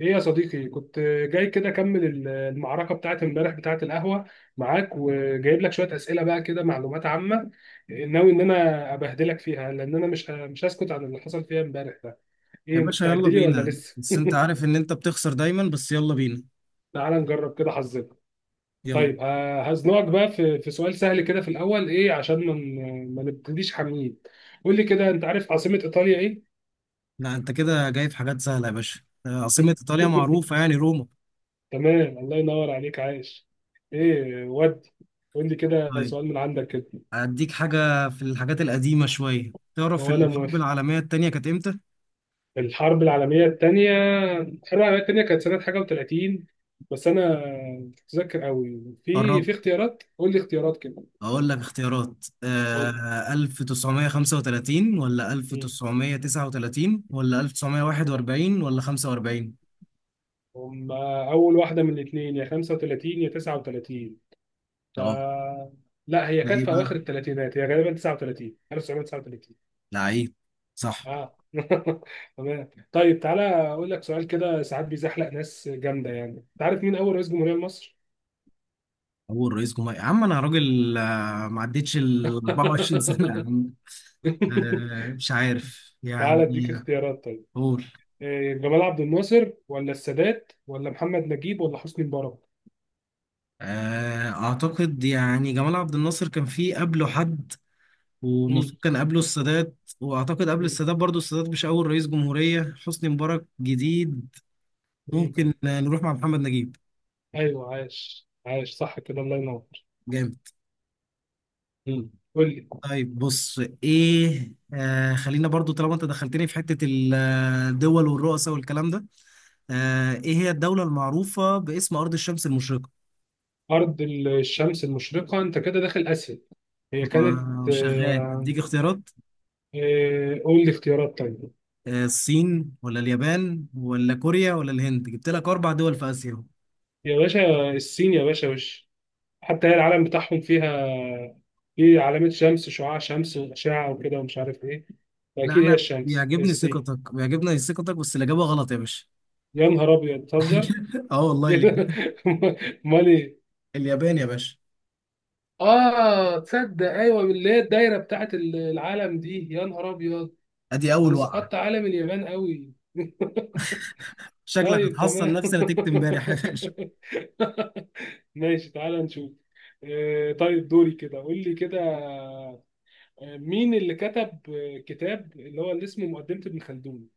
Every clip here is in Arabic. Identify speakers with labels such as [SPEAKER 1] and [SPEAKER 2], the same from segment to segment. [SPEAKER 1] ايه يا صديقي؟ كنت جاي كده اكمل المعركه بتاعت امبارح بتاعت القهوه معاك، وجايب لك شويه اسئله بقى كده، معلومات عامه، ناوي ان انا ابهدلك فيها، لان انا مش هسكت عن اللي حصل فيها امبارح ده.
[SPEAKER 2] يا
[SPEAKER 1] ايه،
[SPEAKER 2] باشا يلا
[SPEAKER 1] مستعد لي ولا
[SPEAKER 2] بينا،
[SPEAKER 1] لسه؟
[SPEAKER 2] بس انت عارف ان انت بتخسر دايما. بس يلا بينا
[SPEAKER 1] تعال نجرب كده حظنا.
[SPEAKER 2] يلا.
[SPEAKER 1] طيب، هزنقك بقى في سؤال سهل كده في الاول، ايه، عشان ما نبتديش حاميين. قول لي كده، انت عارف عاصمه ايطاليا ايه؟
[SPEAKER 2] لا انت كده جاي في حاجات سهلة يا باشا. عاصمة ايطاليا معروفة، يعني روما.
[SPEAKER 1] تمام، الله ينور عليك، عايش. ايه ودي، قول لي كده
[SPEAKER 2] طيب
[SPEAKER 1] سؤال من عندك كده.
[SPEAKER 2] هديك حاجة في الحاجات القديمة شوية. تعرف
[SPEAKER 1] هو أنا
[SPEAKER 2] الحرب
[SPEAKER 1] موافق.
[SPEAKER 2] العالمية التانية كانت امتى؟
[SPEAKER 1] الحرب العالمية التانية. الحرب العالمية التانية كانت سنة حاجة وتلاتين، بس أنا متذكر أوي. في
[SPEAKER 2] قربت.
[SPEAKER 1] اختيارات، قول لي اختيارات كده.
[SPEAKER 2] اقول لك اختيارات
[SPEAKER 1] قول
[SPEAKER 2] آه: 1935 ولا
[SPEAKER 1] لي. مم.
[SPEAKER 2] 1939 ولا 1941 ولا 45؟
[SPEAKER 1] هم أول واحدة من الاتنين، يا 35 يا 39. ف
[SPEAKER 2] اه.
[SPEAKER 1] لا، هي
[SPEAKER 2] ده
[SPEAKER 1] كانت
[SPEAKER 2] ايه
[SPEAKER 1] في
[SPEAKER 2] بقى؟
[SPEAKER 1] أواخر التلاتينات، هي غالبا 39، 1939.
[SPEAKER 2] لعيب. صح.
[SPEAKER 1] اه تمام. طيب تعالى أقول لك سؤال كده ساعات بيزحلق ناس جامدة، يعني تعرف مين أول رئيس جمهورية لمصر؟
[SPEAKER 2] اول رئيس جمهوريه يا عم، انا راجل ما عدتش ال 24 سنه يا عم. مش عارف
[SPEAKER 1] تعالى أديك
[SPEAKER 2] يعني.
[SPEAKER 1] اختيارات طيب.
[SPEAKER 2] قول.
[SPEAKER 1] إيه، جمال عبد الناصر ولا السادات ولا محمد نجيب ولا حسني مبارك.
[SPEAKER 2] اعتقد يعني جمال عبد الناصر كان فيه قبله حد، ومفروض
[SPEAKER 1] مم.
[SPEAKER 2] كان قبله السادات. واعتقد قبل
[SPEAKER 1] مم.
[SPEAKER 2] السادات برضو السادات مش اول رئيس جمهوريه. حسني مبارك جديد.
[SPEAKER 1] مم.
[SPEAKER 2] ممكن نروح مع محمد نجيب.
[SPEAKER 1] ايوه، عاش عاش، صح كده، الله ينور.
[SPEAKER 2] جامد.
[SPEAKER 1] قول لي.
[SPEAKER 2] طيب بص، ايه آه، خلينا برضو طالما انت دخلتني في حته الدول والرؤساء والكلام ده. ايه هي الدولة المعروفة باسم أرض الشمس المشرقة؟
[SPEAKER 1] ارض الشمس المشرقه، انت كده داخل اسيا. هي كانت،
[SPEAKER 2] هو شغال. اديك اختيارات:
[SPEAKER 1] قول لي اختيارات طيب.
[SPEAKER 2] الصين ولا اليابان ولا كوريا ولا الهند؟ جبت لك أربع دول في آسيا.
[SPEAKER 1] يا باشا الصين، يا باشا! وش حتى، هي العلم بتاعهم فيها، في علامه شمس، شعاع شمس واشعه وكده ومش عارف ايه،
[SPEAKER 2] لا
[SPEAKER 1] فاكيد هي
[SPEAKER 2] أنا
[SPEAKER 1] الشمس،
[SPEAKER 2] بيعجبني
[SPEAKER 1] الصين.
[SPEAKER 2] ثقتك، بيعجبني ثقتك، بس الإجابة غلط يا باشا.
[SPEAKER 1] يا نهار ابيض، بتهزر!
[SPEAKER 2] اه والله، اليابان.
[SPEAKER 1] امال إيه؟
[SPEAKER 2] اليابان يا باشا.
[SPEAKER 1] اه تصدق، ايوه، اللي هي الدايره بتاعت العالم دي، يا نهار ابيض.
[SPEAKER 2] ادي أول
[SPEAKER 1] انا
[SPEAKER 2] وقعة.
[SPEAKER 1] سقطت عالم اليابان قوي.
[SPEAKER 2] شكلك
[SPEAKER 1] طيب
[SPEAKER 2] هتحصل
[SPEAKER 1] تمام.
[SPEAKER 2] نفس نتيجة امبارح يا باشا.
[SPEAKER 1] ماشي تعالى نشوف. طيب دوري كده، قول لي كده، مين اللي كتب كتاب اللي اسمه مقدمة ابن خلدون؟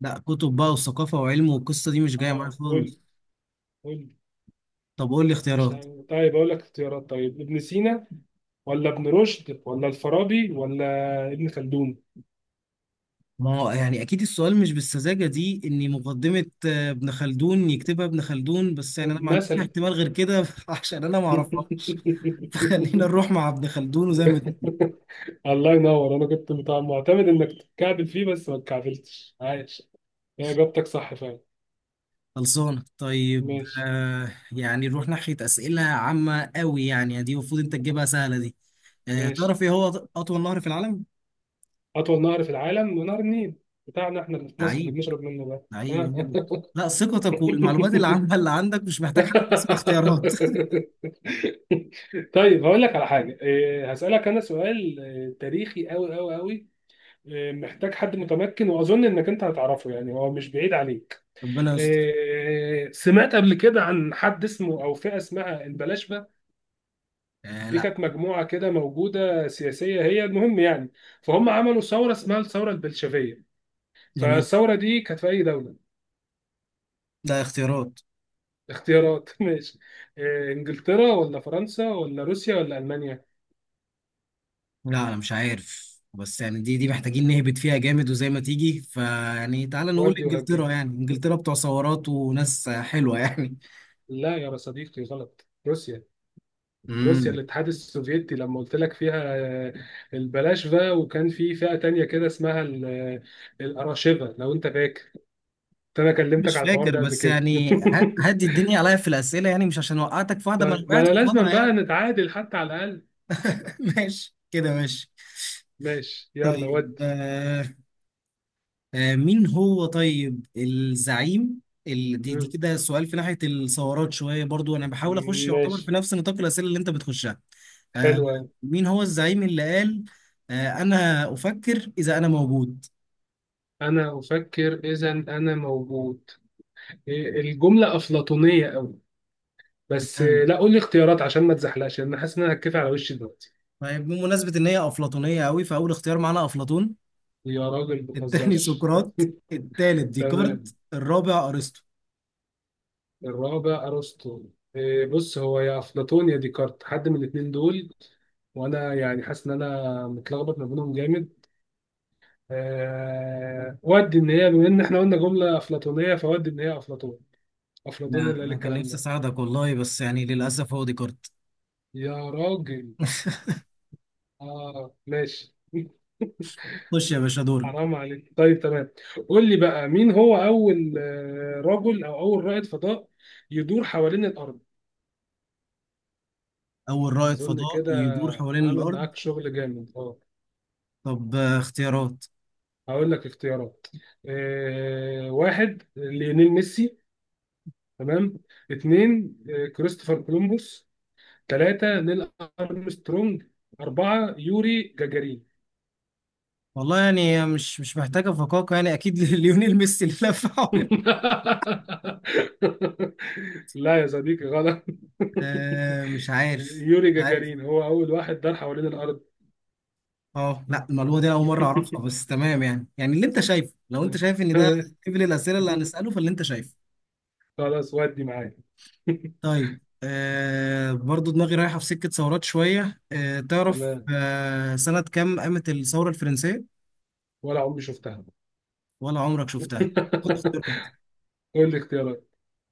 [SPEAKER 2] لا، كتب بقى وثقافة وعلم، والقصة دي مش جاية معايا
[SPEAKER 1] اه قول لي
[SPEAKER 2] خالص.
[SPEAKER 1] قول لي.
[SPEAKER 2] طب قول لي
[SPEAKER 1] مش
[SPEAKER 2] اختيارات.
[SPEAKER 1] عارف. طيب اقول لك اختيارات طيب، ابن سينا ولا ابن رشد ولا الفارابي ولا ابن خلدون
[SPEAKER 2] ما هو يعني اكيد السؤال مش بالسذاجه دي ان مقدمه ابن خلدون يكتبها ابن خلدون، بس يعني انا ما عنديش
[SPEAKER 1] مثلا.
[SPEAKER 2] احتمال غير كده عشان انا ما اعرفهاش. فخلينا نروح مع ابن خلدون، وزي ما تيجي.
[SPEAKER 1] الله ينور، انا كنت معتمد انك تتكعبل فيه، بس ما اتكعبلتش، عايش، هي اجابتك صح فعلا.
[SPEAKER 2] خلصانه. طيب
[SPEAKER 1] ماشي
[SPEAKER 2] آه، يعني نروح ناحيه اسئله عامه قوي، يعني دي المفروض انت تجيبها سهله دي. آه
[SPEAKER 1] ماشي.
[SPEAKER 2] تعرف ايه هو اطول نهر في العالم؟
[SPEAKER 1] اطول نهر في العالم، نهر النيل بتاعنا احنا اللي في مصر، اللي
[SPEAKER 2] لعيب.
[SPEAKER 1] بنشرب منه ده.
[SPEAKER 2] لعيب يعني. لا ثقتك والمعلومات اللي عامه اللي عندك مش محتاج حد تسمع اختيارات.
[SPEAKER 1] طيب هقول لك على حاجه، إيه، هسالك انا سؤال، إيه، تاريخي قوي قوي قوي، محتاج حد متمكن، واظن انك انت هتعرفه يعني، هو مش بعيد عليك.
[SPEAKER 2] ربنا يستر.
[SPEAKER 1] سمعت قبل كده عن حد اسمه او فئه اسمها البلاشفه.
[SPEAKER 2] آه
[SPEAKER 1] دي
[SPEAKER 2] لا.
[SPEAKER 1] كانت مجموعه كده موجوده سياسيه، هي المهم يعني، فهم عملوا ثوره اسمها الثوره البلشفيه.
[SPEAKER 2] جميل.
[SPEAKER 1] فالثوره دي كانت في اي دوله؟
[SPEAKER 2] ده اختيارات.
[SPEAKER 1] اختيارات. ماشي. انجلترا ولا فرنسا ولا روسيا ولا المانيا؟
[SPEAKER 2] لا انا مش عارف، بس يعني دي محتاجين نهبط فيها جامد وزي ما تيجي. فيعني تعالى نقول
[SPEAKER 1] ودي وهجي.
[SPEAKER 2] انجلترا، يعني انجلترا بتوع ثورات وناس حلوة يعني.
[SPEAKER 1] لا يا صديقي، غلط. روسيا. روسيا
[SPEAKER 2] امم،
[SPEAKER 1] الاتحاد السوفيتي، لما قلت لك فيها البلاشفه، وكان في فئه تانية كده اسمها الاراشفه، لو انت فاكر. انا كلمتك
[SPEAKER 2] مش
[SPEAKER 1] على الحوار
[SPEAKER 2] فاكر،
[SPEAKER 1] ده قبل
[SPEAKER 2] بس
[SPEAKER 1] كده.
[SPEAKER 2] يعني هدي الدنيا عليا في الأسئلة. يعني مش عشان وقعتك في واحدة ما انا
[SPEAKER 1] طيب، ما
[SPEAKER 2] وقعت
[SPEAKER 1] انا
[SPEAKER 2] قصادها
[SPEAKER 1] لازم بقى
[SPEAKER 2] يعني.
[SPEAKER 1] نتعادل حتى على الاقل.
[SPEAKER 2] ماشي كده، ماشي.
[SPEAKER 1] ماشي يلا ود.
[SPEAKER 2] طيب آه، آه مين هو طيب الزعيم، دي
[SPEAKER 1] مم.
[SPEAKER 2] كده سؤال في ناحية الثورات شوية، برضو انا بحاول اخش يعتبر في
[SPEAKER 1] ماشي.
[SPEAKER 2] نفس نطاق الأسئلة اللي انت بتخشها. آه،
[SPEAKER 1] حلو أوي.
[SPEAKER 2] مين هو الزعيم اللي قال: أنا أفكر إذا أنا موجود؟
[SPEAKER 1] انا افكر اذا انا موجود. إيه، الجمله افلاطونيه قوي، بس
[SPEAKER 2] مم.
[SPEAKER 1] لا، قول لي اختيارات عشان ما تزحلقش، لان حاسس ان انا هتكفي على وشي دلوقتي.
[SPEAKER 2] طيب، بمناسبة إن هي أفلاطونية قوي، فأول اختيار معانا أفلاطون،
[SPEAKER 1] يا راجل ما
[SPEAKER 2] التاني
[SPEAKER 1] تهزرش!
[SPEAKER 2] سقراط، التالت
[SPEAKER 1] تمام.
[SPEAKER 2] ديكارت، الرابع أرسطو.
[SPEAKER 1] الرابع ارسطو. إيه، بص، هو يا افلاطون يا ديكارت، حد من الاثنين دول، وانا يعني حاسس ان انا متلخبط ما بينهم جامد. ودي ان هي، بما ان احنا قلنا جمله افلاطونيه، فودي ان هي افلاطون. افلاطون
[SPEAKER 2] لا
[SPEAKER 1] اللي قال
[SPEAKER 2] أنا كان
[SPEAKER 1] الكلام
[SPEAKER 2] نفسي
[SPEAKER 1] ده.
[SPEAKER 2] أساعدك والله، بس يعني للأسف هو ديكارت.
[SPEAKER 1] يا راجل! اه ماشي.
[SPEAKER 2] خش يا باشا دورك.
[SPEAKER 1] حرام عليك. طيب تمام. قول لي بقى، مين هو اول رجل او اول رائد فضاء يدور حوالين الارض؟
[SPEAKER 2] أول رائد
[SPEAKER 1] اظن
[SPEAKER 2] فضاء
[SPEAKER 1] كده.
[SPEAKER 2] يدور حوالين
[SPEAKER 1] عامل
[SPEAKER 2] الأرض؟
[SPEAKER 1] معاك شغل جامد اه.
[SPEAKER 2] طب اختيارات.
[SPEAKER 1] هقول لك اختيارات. واحد، ليونيل ميسي. تمام. اتنين، كريستوفر كولومبوس. ثلاثة، نيل أرمسترونج. أربعة، يوري جاجارين.
[SPEAKER 2] والله يعني هي مش مش محتاجة فقاقة يعني، أكيد ليونيل ميسي اللي لف حوالين.
[SPEAKER 1] لا يا صديقي، غلط.
[SPEAKER 2] مش عارف.
[SPEAKER 1] يوري
[SPEAKER 2] مش عارف.
[SPEAKER 1] جاجارين هو أول واحد دار حوالين الأرض.
[SPEAKER 2] اه لا، المعلومه دي انا اول مره اعرفها، بس تمام يعني. يعني اللي انت شايفه، لو انت شايف ان ده
[SPEAKER 1] تمام
[SPEAKER 2] قبل الاسئله اللي هنساله، فاللي انت شايفه.
[SPEAKER 1] خلاص، ودي معايا.
[SPEAKER 2] طيب آه، برضو دماغي رايحه في سكه ثورات شويه. آه تعرف
[SPEAKER 1] تمام،
[SPEAKER 2] آه سنه كام قامت الثوره الفرنسيه؟
[SPEAKER 1] ولا عمري شفتها.
[SPEAKER 2] ولا عمرك شفتها. خد اختيارات.
[SPEAKER 1] قول لي اختيارات.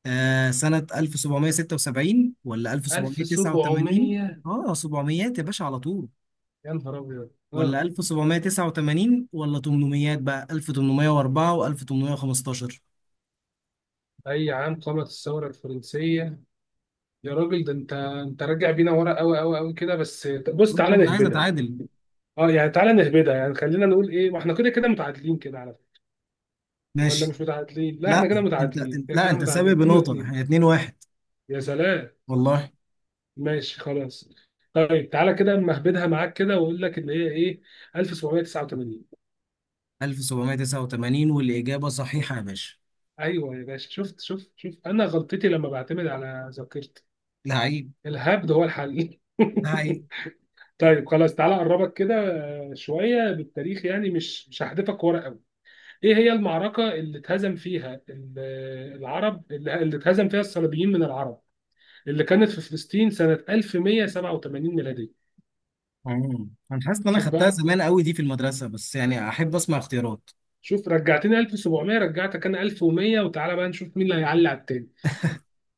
[SPEAKER 2] آه سنه 1776 ولا 1789؟
[SPEAKER 1] 1700.
[SPEAKER 2] اه 700 يا باشا على طول؟
[SPEAKER 1] يا نهار أبيض!
[SPEAKER 2] ولا
[SPEAKER 1] اه
[SPEAKER 2] 1789 ولا 800 بقى، 1804 و1815؟
[SPEAKER 1] أي عام قامت الثورة الفرنسية؟ يا راجل، ده أنت راجع بينا ورا أوي أوي أوي كده، بس بص
[SPEAKER 2] مش،
[SPEAKER 1] تعالى
[SPEAKER 2] انا عايز
[SPEAKER 1] نهبدها.
[SPEAKER 2] اتعادل.
[SPEAKER 1] اه يعني تعالى نهبدها، يعني خلينا نقول ايه، ما احنا كده كده متعادلين كده على فكره. ولا
[SPEAKER 2] ماشي.
[SPEAKER 1] مش متعادلين؟ لا،
[SPEAKER 2] لا
[SPEAKER 1] احنا كده
[SPEAKER 2] انت،
[SPEAKER 1] متعادلين كده
[SPEAKER 2] لا
[SPEAKER 1] كده،
[SPEAKER 2] انت سابق
[SPEAKER 1] متعادلين اتنين
[SPEAKER 2] بنقطة،
[SPEAKER 1] واتنين
[SPEAKER 2] احنا 2 1.
[SPEAKER 1] يا سلام.
[SPEAKER 2] والله.
[SPEAKER 1] ماشي خلاص. طيب تعالى كده اما اهبدها معاك كده واقول لك اللي هي ايه، 1789.
[SPEAKER 2] 1789، والإجابة صحيحة يا باشا.
[SPEAKER 1] ايوه يا باشا، شفت شفت شفت! انا غلطتي لما بعتمد على ذاكرتي.
[SPEAKER 2] لعيب.
[SPEAKER 1] الهبد هو الحل.
[SPEAKER 2] لعيب.
[SPEAKER 1] طيب خلاص، تعالى اقربك كده، شويه بالتاريخ يعني، مش هحذفك ورا. ايه هي المعركة اللي اتهزم فيها العرب، اللي اتهزم فيها الصليبيين من العرب، اللي كانت في فلسطين سنة 1187 ميلادية؟
[SPEAKER 2] مم. انا حاسس ان انا
[SPEAKER 1] شوف
[SPEAKER 2] خدتها
[SPEAKER 1] بقى،
[SPEAKER 2] زمان قوي دي في المدرسة، بس يعني احب اسمع اختيارات.
[SPEAKER 1] شوف رجعتني 1700، رجعتك انا 1100، وتعالى بقى نشوف مين اللي هيعلي على التاني.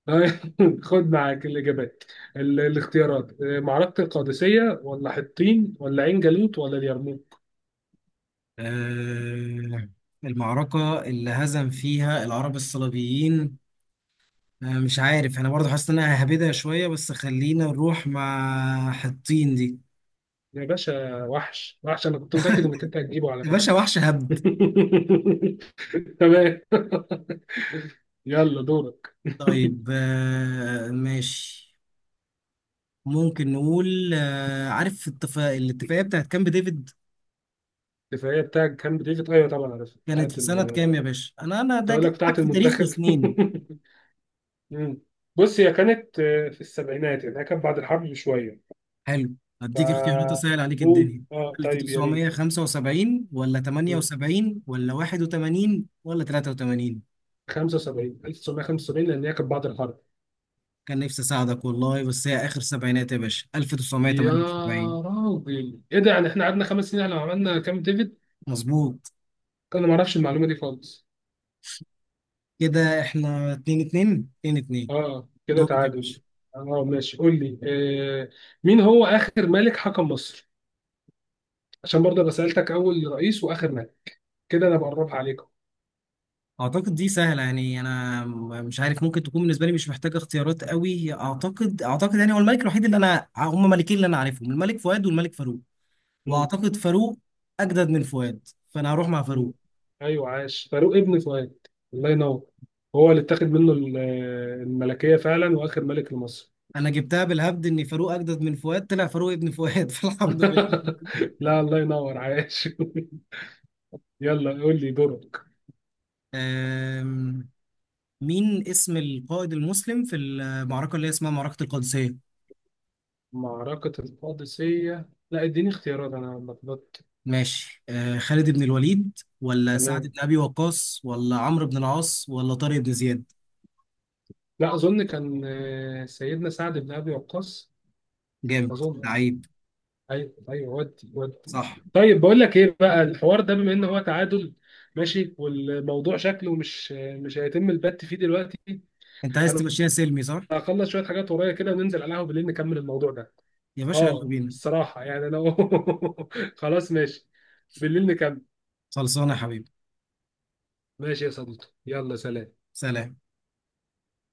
[SPEAKER 1] خد معاك الاجابات، الاختيارات، معركة القادسية ولا حطين ولا عين جالوت ولا اليرموك.
[SPEAKER 2] أه، المعركة اللي هزم فيها العرب الصليبيين؟ أه مش عارف، انا برضو حاسس ان انا ههبدها شوية، بس خلينا نروح مع حطين دي.
[SPEAKER 1] يا باشا وحش وحش! انا كنت متأكد انك انت هتجيبه على
[SPEAKER 2] يا
[SPEAKER 1] فكرة.
[SPEAKER 2] باشا وحش هبد.
[SPEAKER 1] تمام. يلا دورك.
[SPEAKER 2] طيب أه ماشي. ممكن نقول عارف الاتفاقية بتاعت كامب ديفيد؟
[SPEAKER 1] الدفاعية بتاعك كان بتيجي، أيوة طبعا عارفها،
[SPEAKER 2] كانت
[SPEAKER 1] بتاعت
[SPEAKER 2] في سنة كام يا باشا؟ أنا
[SPEAKER 1] كنت
[SPEAKER 2] ده
[SPEAKER 1] هقول لك
[SPEAKER 2] جاي
[SPEAKER 1] بتاعت
[SPEAKER 2] معاك في تاريخ
[SPEAKER 1] المنتخب.
[SPEAKER 2] وسنين.
[SPEAKER 1] مم. بص هي كانت، في السبعينات يعني، هي كانت بعد الحرب بشوية.
[SPEAKER 2] حلو. هديك اختيارات
[SPEAKER 1] ف
[SPEAKER 2] أسهل عليك
[SPEAKER 1] قول.
[SPEAKER 2] الدنيا:
[SPEAKER 1] اه طيب، يا ريت.
[SPEAKER 2] 1975 ولا
[SPEAKER 1] مم.
[SPEAKER 2] 78 ولا 81 ولا 83؟
[SPEAKER 1] 75، 1975، لأن هي كانت بعد الحرب.
[SPEAKER 2] كان نفسي أساعدك والله، بس هي آخر سبعينات يا باشا،
[SPEAKER 1] يا
[SPEAKER 2] 1978.
[SPEAKER 1] راجل، ايه ده؟ يعني احنا قعدنا 5 سنين لو عملنا كام ديفيد؟
[SPEAKER 2] مظبوط.
[SPEAKER 1] انا ما اعرفش المعلومة دي خالص.
[SPEAKER 2] كده إحنا 2 2 2 2.
[SPEAKER 1] اه كده
[SPEAKER 2] دورك يا
[SPEAKER 1] تعادل.
[SPEAKER 2] باشا.
[SPEAKER 1] اه ماشي قول لي. آه مين هو آخر ملك حكم مصر؟ عشان برضه أنا سألتك أول رئيس، وآخر كده انا بقربها عليكم.
[SPEAKER 2] اعتقد دي سهله يعني، انا مش عارف، ممكن تكون بالنسبه لي مش محتاجه اختيارات قوي. اعتقد يعني هو الملك الوحيد اللي انا، هم ملكين اللي انا عارفهم: الملك فؤاد والملك فاروق.
[SPEAKER 1] مم.
[SPEAKER 2] واعتقد فاروق اجدد من فؤاد، فانا هروح مع
[SPEAKER 1] مم.
[SPEAKER 2] فاروق.
[SPEAKER 1] ايوه، عاش، فاروق ابن فؤاد، الله ينور. هو اللي اتاخد منه الملكيه فعلا، واخر ملك لمصر.
[SPEAKER 2] انا جبتها بالهبد ان فاروق اجدد من فؤاد، طلع فاروق ابن فؤاد فالحمد لله.
[SPEAKER 1] لا، الله ينور، عاش. يلا قول لي دورك.
[SPEAKER 2] أم، مين اسم القائد المسلم في المعركه اللي هي اسمها معركه القادسيه؟
[SPEAKER 1] معركه القادسيه؟ لا اديني اختيارات، انا لخبطت.
[SPEAKER 2] ماشي. أه، خالد بن الوليد ولا سعد
[SPEAKER 1] تمام.
[SPEAKER 2] بن ابي وقاص ولا عمرو بن العاص ولا طارق بن زياد؟
[SPEAKER 1] لا، اظن كان سيدنا سعد بن ابي وقاص،
[SPEAKER 2] جامد.
[SPEAKER 1] اظن.
[SPEAKER 2] لعيب.
[SPEAKER 1] ايوه ايوه، ودي ودي.
[SPEAKER 2] صح.
[SPEAKER 1] طيب بقول لك ايه بقى، الحوار ده، بما ان هو تعادل ماشي، والموضوع شكله مش هيتم البت فيه دلوقتي.
[SPEAKER 2] انت عايز
[SPEAKER 1] انا
[SPEAKER 2] تبقى شيء سلمي، صح.
[SPEAKER 1] هخلص شويه حاجات ورايا كده، وننزل على القهوه بالليل نكمل الموضوع ده.
[SPEAKER 2] يا باشا يلا
[SPEAKER 1] اه
[SPEAKER 2] بينا.
[SPEAKER 1] الصراحه يعني انا. خلاص ماشي، بالليل نكمل.
[SPEAKER 2] خلصانه يا حبيبي.
[SPEAKER 1] ماشي يا صديقي، يلا سلام.
[SPEAKER 2] سلام.